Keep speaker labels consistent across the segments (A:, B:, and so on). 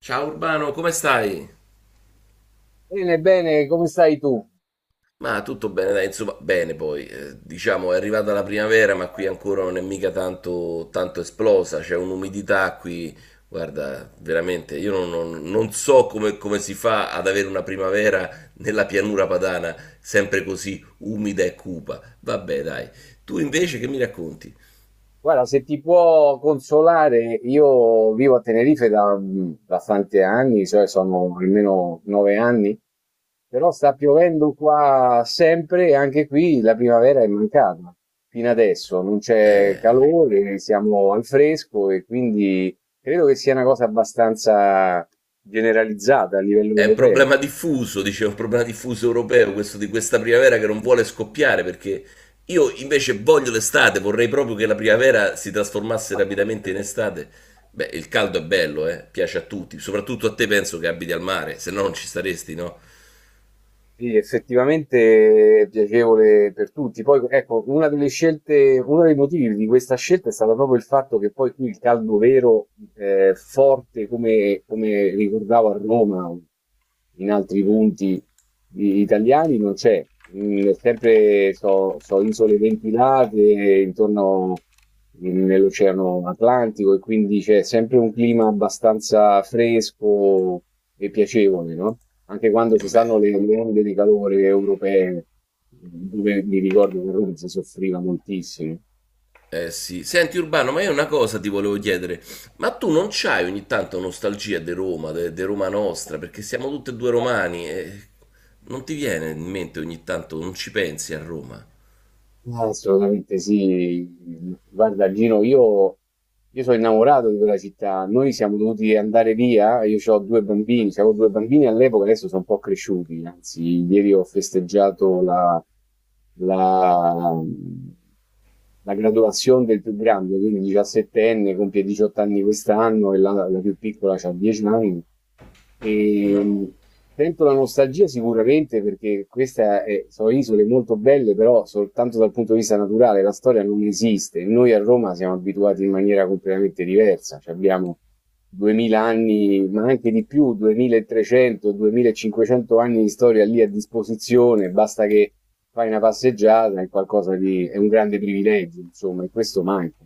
A: Ciao Urbano, come stai?
B: Bene, bene, come stai tu?
A: Ma tutto bene, dai, insomma, bene poi. Diciamo è arrivata la primavera, ma qui ancora non è mica tanto esplosa, c'è un'umidità qui. Guarda, veramente, io non, non- non so come si fa ad avere una primavera nella pianura padana, sempre così umida e cupa. Vabbè, dai. Tu invece che mi racconti?
B: Guarda, se ti può consolare, io vivo a Tenerife da, da tanti anni, cioè sono almeno 9 anni, però sta piovendo qua sempre e anche qui la primavera è mancata fino adesso, non c'è
A: Eh,
B: calore, siamo al fresco e quindi credo che sia una cosa abbastanza generalizzata a livello
A: È un
B: europeo.
A: problema diffuso, dicevo, un problema diffuso europeo, questo di questa primavera che non vuole scoppiare, perché io invece voglio l'estate, vorrei proprio che la primavera si trasformasse rapidamente in estate. Beh, il caldo è bello, piace a tutti, soprattutto a te penso che abiti al mare, se no non ci staresti, no?
B: Sì, effettivamente è piacevole per tutti. Poi, ecco, una delle scelte, uno dei motivi di questa scelta è stato proprio il fatto che poi qui il caldo vero, forte, come ricordavo a Roma, in altri punti italiani, non c'è. Mm, sempre so, so isole ventilate intorno nell'Oceano Atlantico e quindi c'è sempre un clima abbastanza fresco e piacevole, no? Anche quando
A: E
B: ci
A: beh,
B: stanno le onde di calore europee, dove mi ricordo che a Roma si soffriva moltissimo.
A: eh sì. Senti Urbano, ma io una cosa ti volevo chiedere, ma tu non c'hai ogni tanto nostalgia di Roma nostra, perché siamo tutti e due romani e non ti viene in mente ogni tanto, non ci pensi a Roma?
B: Ah, assolutamente sì. Guarda, Gino, io sono innamorato di quella città. Noi siamo dovuti andare via. Io ho due bambini, avevo due bambini all'epoca, adesso sono un po' cresciuti. Anzi, ieri ho festeggiato la, la graduazione del più grande, quindi 17enne, compie 18 anni quest'anno e la più piccola ha 10 anni. E sento la nostalgia sicuramente perché queste sono isole molto belle, però soltanto dal punto di vista naturale, la storia non esiste. Noi a Roma siamo abituati in maniera completamente diversa, ci abbiamo 2000 anni, ma anche di più, 2300, 2500 anni di storia lì a disposizione, basta che fai una passeggiata, è qualcosa di, è un grande privilegio, insomma, e questo manca,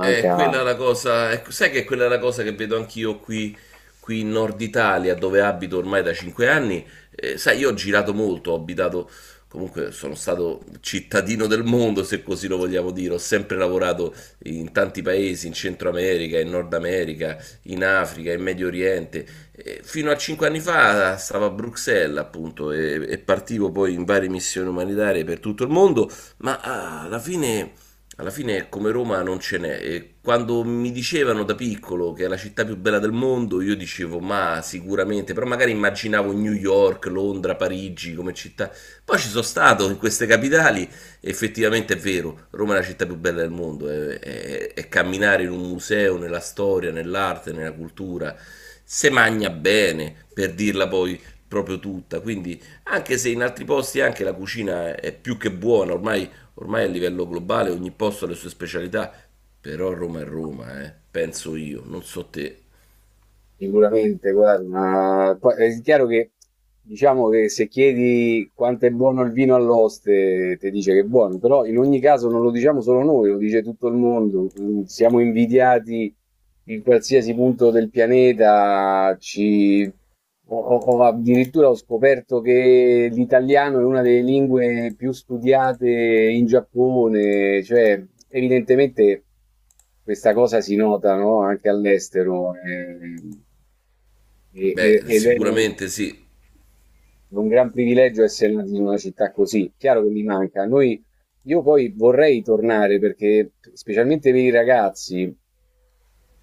A: Quella è la cosa, ecco, sai che quella è la cosa che vedo anch'io qui, qui in Nord Italia, dove abito ormai da 5 anni. Sai, io ho girato molto, ho abitato, comunque sono stato cittadino del mondo, se così lo vogliamo dire. Ho sempre lavorato in tanti paesi, in Centro America, in Nord America, in Africa, in Medio Oriente. Fino a 5 anni fa stavo a Bruxelles, appunto, e partivo poi in varie missioni umanitarie per tutto il mondo, ma alla fine come Roma non ce n'è e quando mi dicevano da piccolo che è la città più bella del mondo, io dicevo ma sicuramente, però magari immaginavo New York, Londra, Parigi come città. Poi ci sono stato in queste capitali e effettivamente è vero, Roma è la città più bella del mondo, è camminare in un museo, nella storia, nell'arte, nella cultura, se magna bene, per dirla poi proprio tutta, quindi anche se in altri posti anche la cucina è più che buona. Ormai a livello globale ogni posto ha le sue specialità, però Roma è Roma, penso io, non so te.
B: Sicuramente, guarda, ma poi è chiaro che diciamo che se chiedi quanto è buono il vino all'oste, ti dice che è buono, però in ogni caso non lo diciamo solo noi, lo dice tutto il mondo. Mm, siamo invidiati in qualsiasi punto del pianeta. Ci... Ho addirittura ho scoperto che l'italiano è una delle lingue più studiate in Giappone, cioè evidentemente. Questa cosa si nota, no, anche all'estero,
A: Beh,
B: ed è
A: sicuramente sì.
B: un gran privilegio essere nati in una città così. Chiaro che mi manca. Noi, io poi vorrei tornare perché, specialmente per i ragazzi,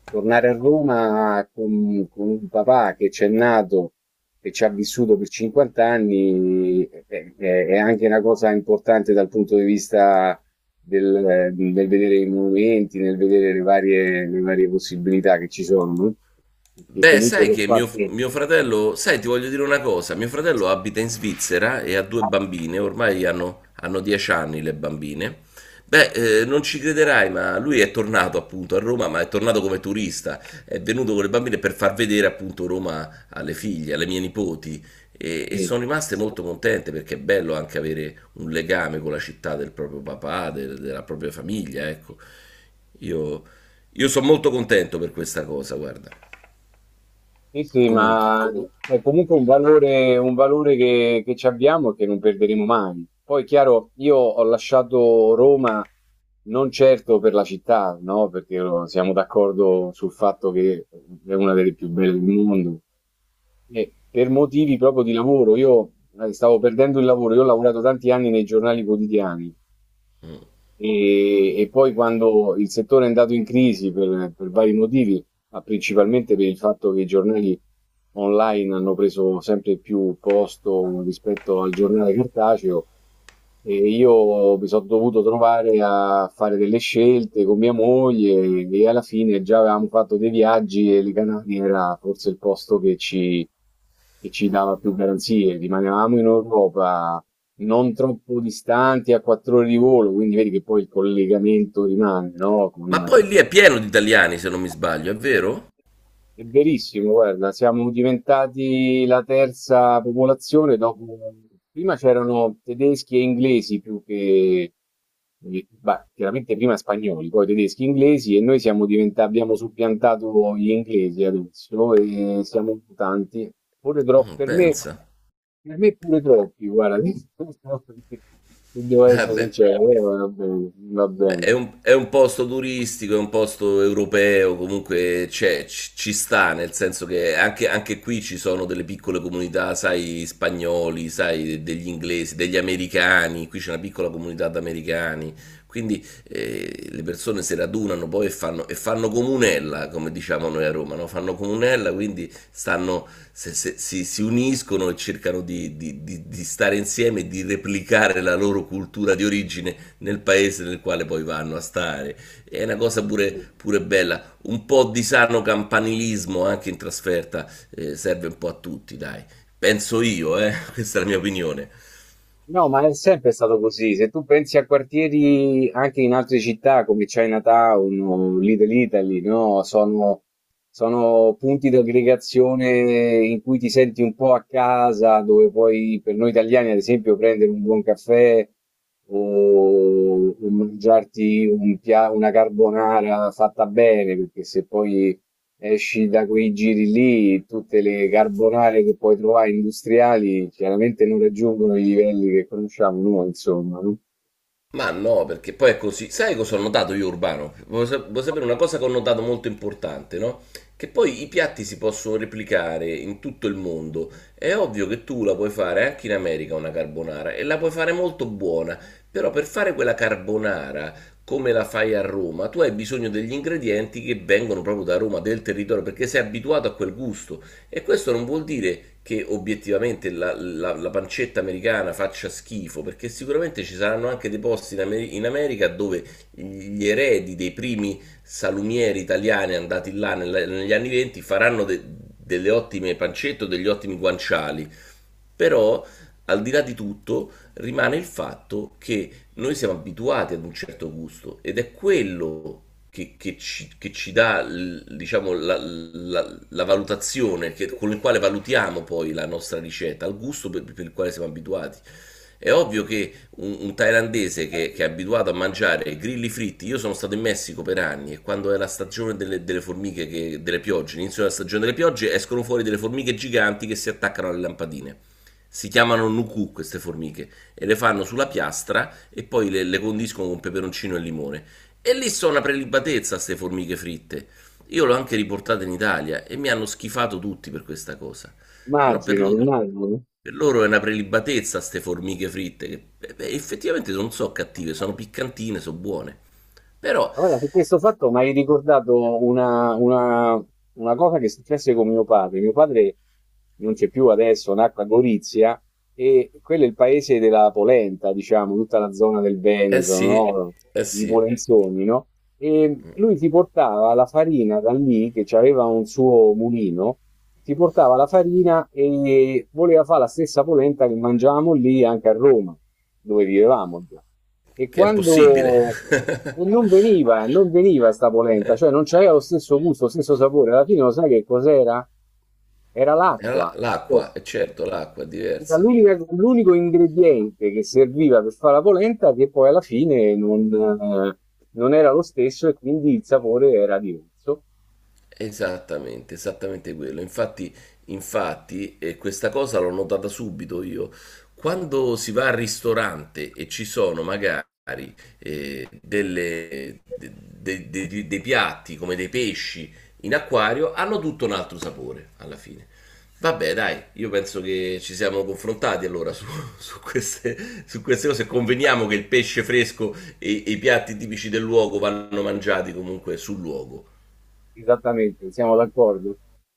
B: tornare a Roma con un papà che c'è nato e ci ha vissuto per 50 anni è, è anche una cosa importante dal punto di vista del vedere i monumenti, nel vedere le varie possibilità che ci sono, no? Perché
A: Beh,
B: comunque
A: sai
B: l'ho
A: che
B: fatto.
A: mio fratello, sai, ti voglio dire una cosa, mio fratello abita in Svizzera e ha due bambine, ormai hanno 10 anni le bambine. Beh, non ci crederai, ma lui è tornato appunto a Roma, ma è tornato come turista, è venuto con le bambine per far vedere appunto Roma alle figlie, alle mie nipoti e
B: Sì.
A: sono rimaste molto contente perché è bello anche avere un legame con la città del proprio papà, della propria famiglia, ecco. Io, io sono molto contento per questa cosa, guarda.
B: Sì,
A: Comunque.
B: ma è comunque un valore, che ci abbiamo e che non perderemo mai. Poi, chiaro, io ho lasciato Roma non certo per la città, no? Perché siamo d'accordo sul fatto che è una delle più belle del mondo. E per motivi proprio di lavoro, io stavo perdendo il lavoro, io ho lavorato tanti anni nei giornali quotidiani e poi quando il settore è andato in crisi per vari motivi, ma principalmente per il fatto che i giornali online hanno preso sempre più posto rispetto al giornale cartaceo, e io mi sono dovuto trovare a fare delle scelte con mia moglie e alla fine già avevamo fatto dei viaggi e le Canarie era forse il posto che ci dava più garanzie. Rimanevamo in Europa, non troppo distanti, a 4 ore di volo, quindi vedi che poi il collegamento rimane, no, con
A: Ma poi lì è pieno di italiani, se non mi sbaglio, è vero?
B: è verissimo, guarda, siamo diventati la terza popolazione dopo... Prima c'erano tedeschi e inglesi più che... beh, chiaramente prima spagnoli, poi tedeschi e inglesi e noi siamo diventati, abbiamo suppiantato gli inglesi adesso e siamo tanti. Pure troppo,
A: Mm, pensa.
B: per me pure troppi, guarda, devo
A: Eh
B: essere
A: beh,
B: sincero, va bene, va
A: beh,
B: bene.
A: è è un posto turistico, è un posto europeo, comunque ci sta, nel senso che anche qui ci sono delle piccole comunità, sai, spagnoli, sai, degli inglesi, degli americani, qui c'è una piccola comunità di americani, quindi le persone si radunano poi e e fanno comunella, come diciamo noi a Roma, no? Fanno comunella, quindi stanno, si uniscono e cercano di stare insieme e di replicare la loro cultura di origine nel paese nel quale poi vanno a stare. È una cosa pure bella, un po' di sano campanilismo anche in trasferta serve un po' a tutti, dai. Penso io, questa è la mia opinione.
B: No, ma è sempre stato così. Se tu pensi a quartieri anche in altre città come Chinatown o Little Italy, no? Sono punti di aggregazione in cui ti senti un po' a casa, dove puoi, per noi italiani, ad esempio, prendere un buon caffè o mangiarti un pia- una carbonara fatta bene, perché se poi esci da quei giri lì, tutte le carbonare che puoi trovare industriali chiaramente non raggiungono i livelli che conosciamo noi, insomma, no?
A: Ma no, perché poi è così. Sai cosa ho notato io, Urbano? Vuoi sapere una cosa che ho notato molto importante, no? Che poi i piatti si possono replicare in tutto il mondo. È ovvio che tu la puoi fare anche in America una carbonara e la puoi fare molto buona, però per fare quella carbonara come la fai a Roma, tu hai bisogno degli ingredienti che vengono proprio da Roma, del territorio, perché sei abituato a quel gusto. E questo non vuol dire che obiettivamente la pancetta americana faccia schifo, perché sicuramente ci saranno anche dei posti in America dove gli eredi dei primi salumieri italiani andati là negli anni 20 delle ottime pancette o degli ottimi guanciali. Però, al di là di tutto, rimane il fatto che noi siamo abituati ad un certo gusto ed è quello che ci dà, diciamo, la valutazione con il quale valutiamo poi la nostra ricetta, al gusto per il quale siamo abituati. È ovvio che un thailandese che è abituato a mangiare grilli fritti, io sono stato in Messico per anni e quando è la stagione delle formiche, delle piogge, l'inizio della stagione delle piogge, escono fuori delle formiche giganti che si attaccano alle lampadine. Si chiamano nuku queste formiche e le fanno sulla piastra e poi le condiscono con peperoncino e limone. E lì sono una prelibatezza queste formiche fritte. Io l'ho anche riportata in Italia e mi hanno schifato tutti per questa cosa. Però
B: Immagino, immagino.
A: per loro è una prelibatezza queste formiche fritte, che beh, beh, effettivamente non sono cattive, sono piccantine, sono buone. Però,
B: Allora, su questo fatto mi hai ricordato una una cosa che successe con mio padre. Mio padre non c'è più adesso, nacque a Gorizia e quello è il paese della polenta, diciamo, tutta la zona del
A: eh
B: Veneto,
A: sì,
B: no?
A: eh
B: I
A: sì,
B: polenzoni, no? E lui ti portava la farina da lì, che aveva un suo mulino, ti portava la farina e voleva fare la stessa polenta che mangiavamo lì anche a Roma, dove vivevamo e
A: che è
B: quando
A: impossibile.
B: e non veniva sta polenta, cioè non c'aveva lo stesso gusto, lo stesso sapore. Alla fine lo sai che cos'era? Era l'acqua. Cioè,
A: L'acqua, è certo, l'acqua è
B: era
A: diversa.
B: l'unico ingrediente che serviva per fare la polenta che poi alla fine non, non era lo stesso e quindi il sapore era diverso.
A: Esattamente, esattamente quello. Infatti, infatti, questa cosa l'ho notata subito io. Quando si va al ristorante e ci sono magari dei piatti come dei pesci in acquario, hanno tutto un altro sapore alla fine. Vabbè, dai, io penso che ci siamo confrontati allora su, su su queste cose. Conveniamo che il pesce fresco e i piatti tipici del luogo vanno mangiati comunque sul luogo.
B: Esattamente, siamo d'accordo.